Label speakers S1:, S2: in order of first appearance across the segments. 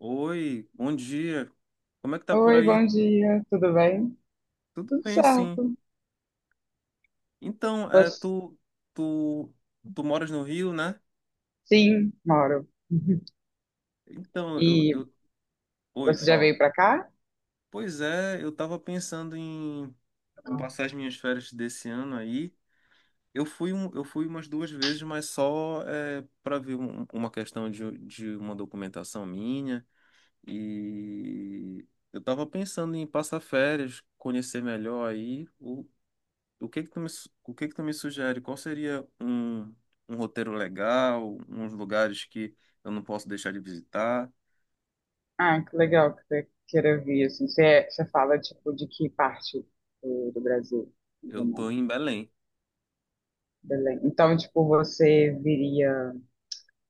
S1: Oi, bom dia. Como é que tá por
S2: Oi,
S1: aí?
S2: bom dia, tudo bem?
S1: Tudo
S2: Tudo
S1: bem, sim.
S2: certo.
S1: Então,
S2: Você...
S1: tu, tu, tu moras no Rio, né?
S2: Sim, moro.
S1: Então, eu,
S2: E
S1: eu... Oi,
S2: você já
S1: fala.
S2: veio pra cá?
S1: Pois é, eu tava pensando em passar as minhas férias desse ano aí. Eu fui, eu fui umas duas vezes, mas só para ver uma questão de uma documentação minha. E eu tava pensando em passar férias, conhecer melhor aí o que que tu me, o que que tu me sugere? Qual seria um, um roteiro legal, uns lugares que eu não posso deixar de visitar?
S2: Ah, que legal que você queira vir, assim. Você fala, tipo, de que parte do Brasil? Do
S1: Eu tô
S2: mundo?
S1: em Belém.
S2: Belém. Então, tipo, você viria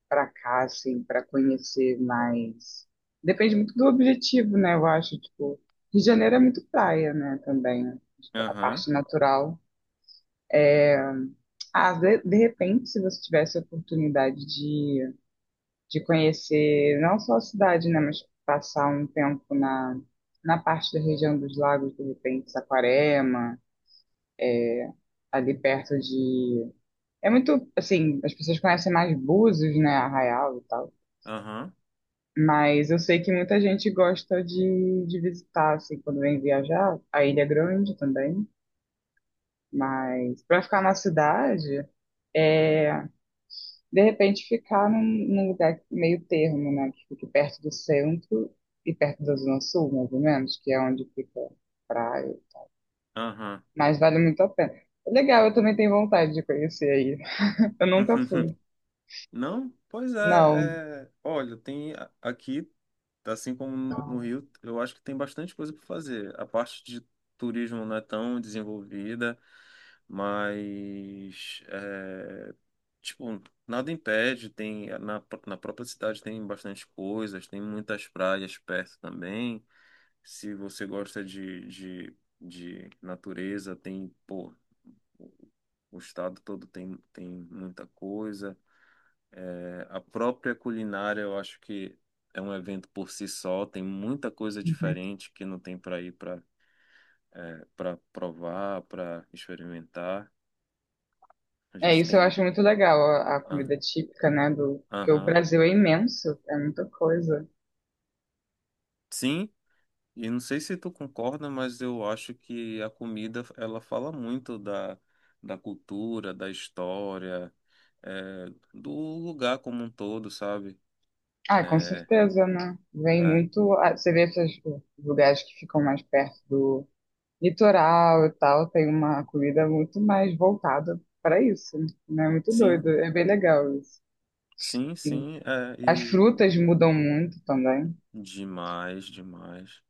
S2: pra cá, assim, pra conhecer mais. Depende muito do objetivo, né? Eu acho, tipo. Rio de Janeiro é muito praia, né, também. Tipo, a
S1: Aham,
S2: parte natural. Ah, de repente, se você tivesse a oportunidade de, conhecer não só a cidade, né, mas passar um tempo na, parte da região dos lagos, de repente, Saquarema, ali perto de. É muito, assim, as pessoas conhecem mais Búzios, né, Arraial e tal.
S1: aham,
S2: Mas eu sei que muita gente gosta de, visitar, assim, quando vem viajar, a Ilha Grande também. Mas para ficar na cidade. é De repente ficar num, lugar meio termo, né? Que fique perto do centro e perto da Zona Sul, mais ou menos, que é onde fica a praia.
S1: aham.
S2: Mas vale muito a pena. Legal, eu também tenho vontade de conhecer aí. Eu nunca fui.
S1: Não? Pois
S2: Não.
S1: é, olha, tem aqui, assim como no Rio, eu acho que tem bastante coisa para fazer. A parte de turismo não é tão desenvolvida, mas Tipo, nada impede, tem na, na própria cidade tem bastante coisas, tem muitas praias perto também. Se você gosta de natureza, tem, pô, o estado todo tem, tem muita coisa. É, a própria culinária, eu acho que é um evento por si só, tem muita coisa
S2: Uhum.
S1: diferente que não tem para ir para para provar, para experimentar. A
S2: É
S1: gente
S2: isso, eu
S1: tem.
S2: acho muito legal a,
S1: Ah,
S2: comida típica, né? Porque o
S1: aham.
S2: Brasil é imenso, é muita coisa.
S1: Sim, e não sei se tu concorda, mas eu acho que a comida ela fala muito da, da cultura, da história, é, do lugar como um todo, sabe?
S2: Ah, com
S1: É,
S2: certeza, né? Vem
S1: né?
S2: muito. Você vê esses lugares que ficam mais perto do litoral e tal, tem uma comida muito mais voltada para isso, né? Muito doido,
S1: Sim,
S2: é bem legal isso.
S1: sim,
S2: E
S1: sim, é,
S2: as
S1: e
S2: frutas mudam muito também.
S1: demais, demais.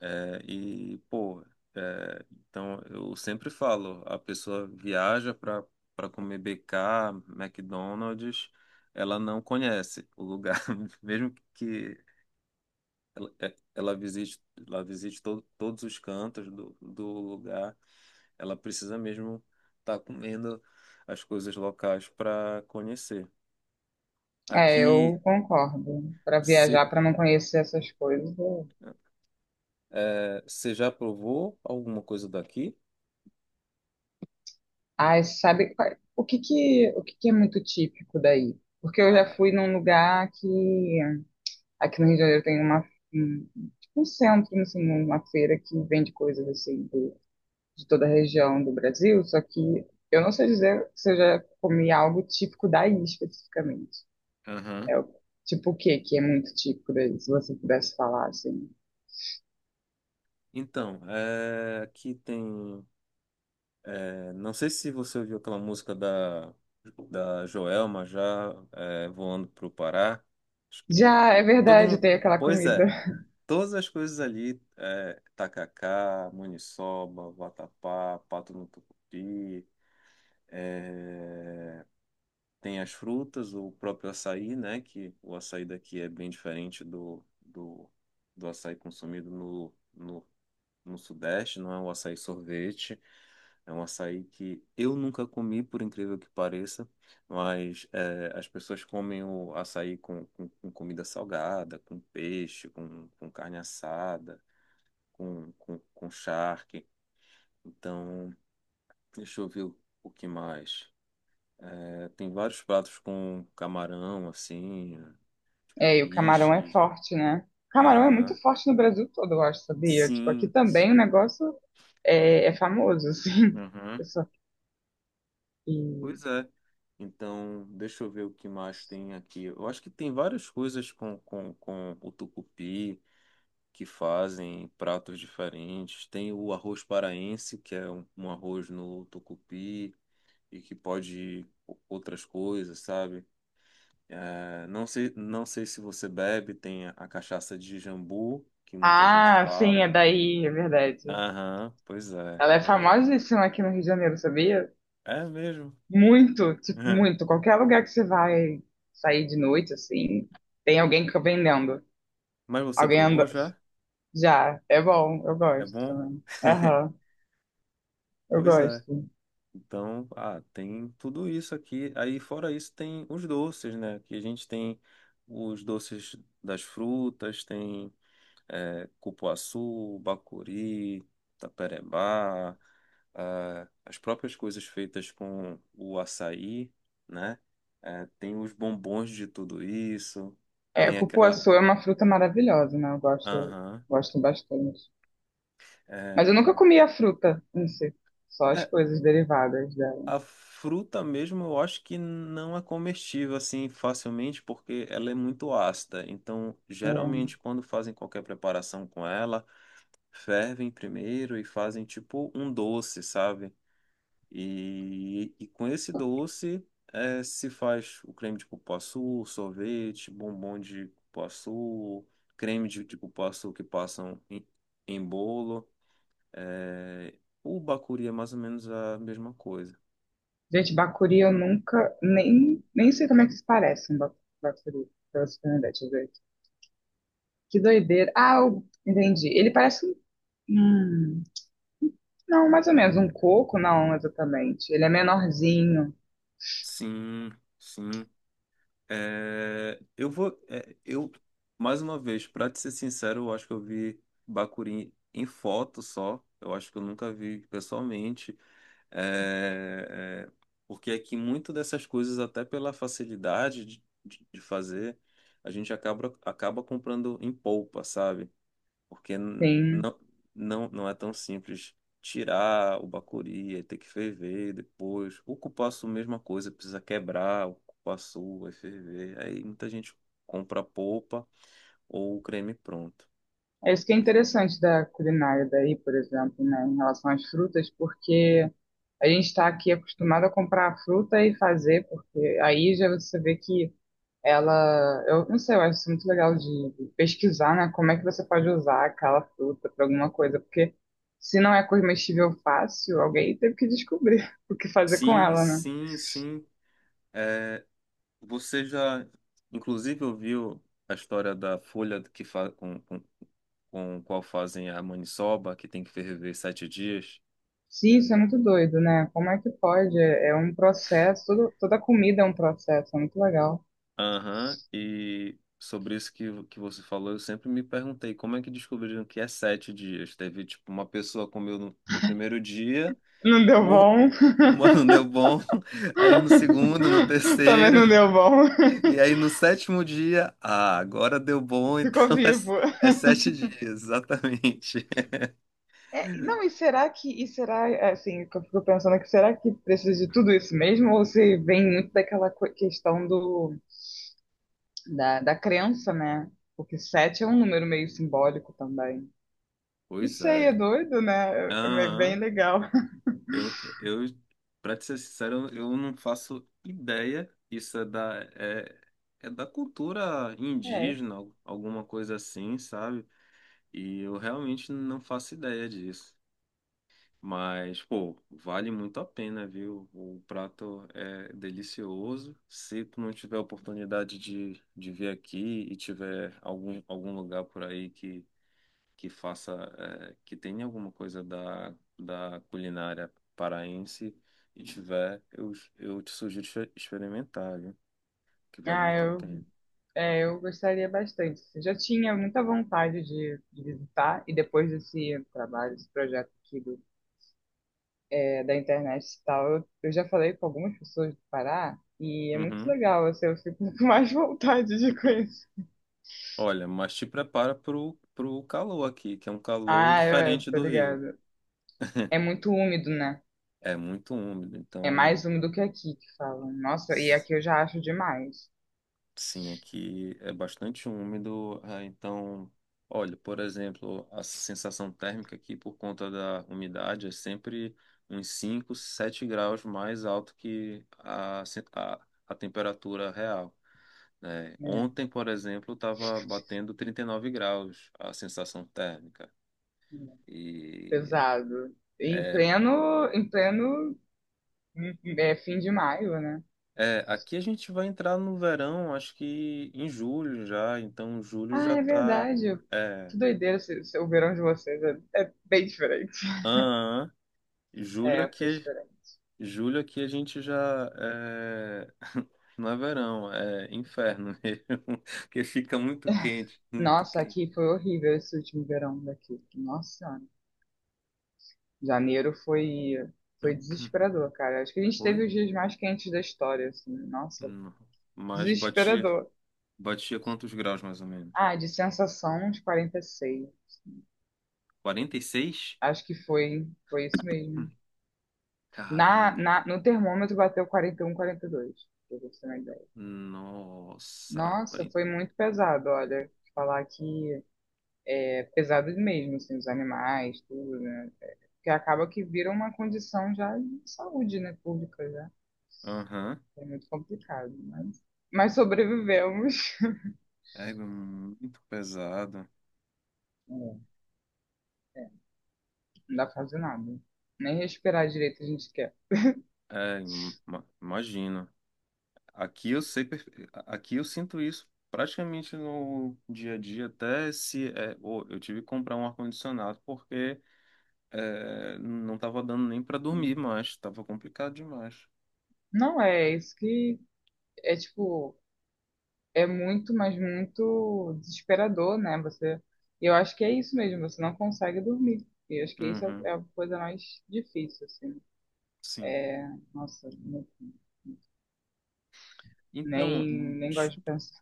S1: É, e, pô, é, então eu sempre falo, a pessoa viaja para comer BK, McDonald's, ela não conhece o lugar, mesmo que ela, ela visite todos os cantos do, do lugar. Ela precisa mesmo estar comendo as coisas locais para conhecer.
S2: É,
S1: Aqui,
S2: eu concordo. Para
S1: se,
S2: viajar, para não conhecer essas coisas.
S1: é, você já provou alguma coisa daqui?
S2: Ah, o que que é muito típico daí? Porque eu já
S1: Ah,
S2: fui num lugar que aqui no Rio de Janeiro tem uma um, tipo um centro, assim, uma feira que vende coisas assim, de toda a região do Brasil, só que eu não sei dizer se eu já comi algo típico daí especificamente.
S1: aham.
S2: É o tipo o quê que é muito típico daí, se você pudesse falar assim.
S1: Então, aqui tem. É, não sei se você ouviu aquela música da, da Joelma já voando pro Pará. Acho que
S2: Já é
S1: todo
S2: verdade,
S1: mundo.
S2: tem aquela
S1: Pois
S2: comida.
S1: é. Todas as coisas ali, é, tacacá, maniçoba, vatapá, pato no tucupi, tem as frutas, o próprio açaí, né? Que o açaí daqui é bem diferente do, do, do açaí consumido no, no, no Sudeste, não é um açaí sorvete, é um açaí que eu nunca comi, por incrível que pareça, mas é, as pessoas comem o açaí com comida salgada, com peixe, com carne assada, com charque. Então, deixa eu ver o que mais. É, tem vários pratos com camarão, assim,
S2: É, e o camarão é
S1: peixe.
S2: forte, né? O camarão é muito
S1: Aham.
S2: forte no Brasil todo, eu acho, sabia? Tipo, aqui
S1: Sim.
S2: também o negócio é famoso, assim.
S1: Aham.
S2: Só que-
S1: Pois é. Então, deixa eu ver o que mais tem aqui. Eu acho que tem várias coisas com o tucupi que fazem pratos diferentes. Tem o arroz paraense, que é um, um arroz no tucupi e que pode outras coisas, sabe? É, não sei, não sei se você bebe, tem a cachaça de jambu, que muita gente
S2: Ah, sim,
S1: fala.
S2: é daí, é verdade.
S1: Aham, pois é.
S2: Ela é
S1: É,
S2: famosíssima aqui no Rio de Janeiro, sabia?
S1: é mesmo.
S2: Muito, tipo, muito. Qualquer lugar que você vai sair de noite, assim, tem alguém que fica vendendo.
S1: Mas você
S2: Alguém
S1: provou
S2: anda.
S1: já?
S2: Já, é bom, eu
S1: É
S2: gosto
S1: bom?
S2: também. Aham, eu
S1: Pois é.
S2: gosto.
S1: Então, ah, tem tudo isso aqui. Aí, fora isso, tem os doces, né? Que a gente tem os doces das frutas, tem cupuaçu, bacuri, taperebá. Ah, as próprias coisas feitas com o açaí, né? Tem os bombons de tudo isso,
S2: É,
S1: tem aquela.
S2: cupuaçu é uma fruta maravilhosa, né? Eu gosto,
S1: Aham.
S2: gosto bastante. Mas eu nunca
S1: Eh,
S2: comi a fruta em si, só as
S1: é,
S2: coisas derivadas dela.
S1: a fruta mesmo eu acho que não é comestível assim facilmente porque ela é muito ácida. Então,
S2: É.
S1: geralmente, quando fazem qualquer preparação com ela, fervem primeiro e fazem tipo um doce, sabe? E com esse doce se faz o creme de cupuaçu, sorvete, bombom de cupuaçu, creme de cupuaçu que passam em, em bolo. É, o bacuri é mais ou menos a mesma coisa.
S2: Gente, bacuri eu nunca, nem sei como é que se parece um bacuri, pra você ter uma ideia, deixa eu ver aqui. Que doideira. Ah, eu entendi. Ele parece um. hum, Não, mais ou menos. Um coco, não, exatamente. Ele é menorzinho,
S1: Sim, sim. É, eu vou. É, eu, Mais uma vez, para te ser sincero, eu acho que eu vi bacuri em foto só. Eu acho que eu nunca vi pessoalmente. É, é, porque aqui muito dessas coisas, até pela facilidade de fazer, a gente acaba, acaba comprando em polpa, sabe? Porque
S2: sim.
S1: não, não, não é tão simples tirar o bacuri, aí ter que ferver depois. O cupuaçu, mesma coisa, precisa quebrar o cupuaçu, vai ferver. Aí muita gente compra a polpa ou o creme pronto.
S2: É isso que é interessante da culinária daí, por exemplo, né, em relação às frutas, porque a gente está aqui acostumado a comprar a fruta e fazer, porque aí já você vê que ela. Eu não sei, eu acho isso muito legal de pesquisar, né, como é que você pode usar aquela fruta para alguma coisa, porque se não é comestível fácil, alguém teve que descobrir o que fazer com
S1: Sim,
S2: ela, né?
S1: sim, sim. é, Você já, inclusive, ouviu a história da folha que fa com, com qual fazem a maniçoba, que tem que ferver 7 dias?
S2: Sim, isso é muito doido, né? Como é que pode? É um processo, toda comida é um processo, é muito legal.
S1: Aham, e sobre isso que você falou, eu sempre me perguntei como é que descobriram que é 7 dias? Teve, tipo, uma pessoa comeu no, no primeiro dia,
S2: Não deu
S1: mor...
S2: bom.
S1: Mano, não deu bom. Aí no segundo, no
S2: Também
S1: terceiro,
S2: não deu bom.
S1: e aí no sétimo dia, ah, agora deu bom,
S2: Ficou
S1: então
S2: vivo.
S1: é 7 dias, exatamente.
S2: É, e não, e será, assim, que eu fico pensando que será que precisa de tudo isso mesmo? Ou se vem muito daquela questão da crença, né? Porque sete é um número meio simbólico também. Não
S1: Pois
S2: sei, é
S1: é.
S2: doido, né? É bem
S1: Aham,
S2: legal.
S1: eu, eu, pra te ser sincero, eu não faço ideia. Isso é da, é da cultura
S2: É.
S1: indígena, alguma coisa assim, sabe? E eu realmente não faço ideia disso. Mas, pô, vale muito a pena, viu? O prato é delicioso. Se tu não tiver a oportunidade de vir aqui e tiver algum, algum lugar por aí que faça, que tenha alguma coisa da, da culinária paraense e tiver, eu te sugiro experimentar, viu? Que vale
S2: Ah,
S1: muito a
S2: eu
S1: pena.
S2: É, eu gostaria bastante. Eu já tinha muita vontade de, visitar, e depois desse trabalho, desse projeto aqui da internet e tal, eu já falei com algumas pessoas do Pará, e é muito
S1: Uhum.
S2: legal, assim, eu fico com mais vontade de conhecer.
S1: Olha, mas te prepara pro, pro calor aqui, que é um calor
S2: Ah, eu
S1: diferente
S2: tô
S1: do Rio.
S2: ligado. É muito úmido, né?
S1: É muito úmido,
S2: É
S1: então
S2: mais úmido que aqui, que falam. Nossa, e aqui eu já acho demais.
S1: sim, aqui é bastante úmido, ah, então, olha, por exemplo, a sensação térmica aqui por conta da umidade é sempre uns 5 7 graus mais alto que a temperatura real, né?
S2: É,
S1: Ontem, por exemplo, estava batendo 39 graus a sensação térmica.
S2: é.
S1: E
S2: Pesado. Em
S1: é,
S2: pleno, em pleno, fim de maio, né?
S1: é, aqui a gente vai entrar no verão, acho que em julho já, então julho
S2: Ah,
S1: já
S2: é
S1: está.
S2: verdade. Que doideira o verão de vocês. É, é bem diferente.
S1: Julho
S2: É, foi
S1: aqui,
S2: diferente.
S1: julho aqui a gente já é... não é verão, é inferno mesmo, porque fica muito quente, muito
S2: Nossa,
S1: quente.
S2: aqui foi horrível esse último verão daqui. Nossa Senhora. Janeiro foi desesperador, cara. Acho que a gente
S1: Foi?
S2: teve os dias mais quentes da história, assim. Nossa,
S1: Não. Mas batia,
S2: desesperador.
S1: batia quantos graus mais ou menos?
S2: Ah, de sensação uns 46.
S1: 46?
S2: Acho que foi isso
S1: Hum,
S2: mesmo. Na,
S1: Caramba.
S2: na, no termômetro bateu um, 41, 42, pra você ter uma ideia.
S1: Nossa,
S2: Nossa,
S1: quarenta.
S2: foi muito pesado, olha. Falar que pesadas mesmo, assim, os animais, tudo, né? Que acaba que vira uma condição já de saúde, né, pública já.
S1: Aham.
S2: É muito complicado, mas sobrevivemos.
S1: É muito pesado.
S2: É, não dá pra fazer nada. Nem respirar direito a gente quer.
S1: É, imagino. Aqui eu sei, aqui eu sinto isso praticamente no dia a dia, até se eu tive que comprar um ar-condicionado porque não estava dando nem para dormir mais, estava complicado demais.
S2: Não, é isso que é tipo, é muito, mas muito desesperador, né? Eu acho que é isso mesmo, você não consegue dormir. E eu acho que isso é
S1: Uhum,
S2: é a coisa mais difícil, assim.
S1: sim.
S2: É, nossa,
S1: Então,
S2: nem, nem gosto de
S1: desculpa
S2: pensar.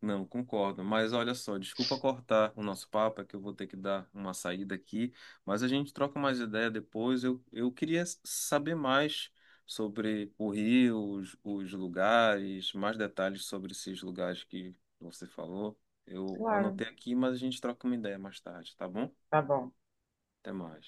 S1: não, concordo. Mas olha só, desculpa cortar o nosso papo, é que eu vou ter que dar uma saída aqui, mas a gente troca mais ideia depois. Eu queria saber mais sobre o Rio, os lugares, mais detalhes sobre esses lugares que você falou. Eu
S2: Claro,
S1: anotei aqui, mas a gente troca uma ideia mais tarde, tá bom?
S2: tá bom.
S1: Até mais.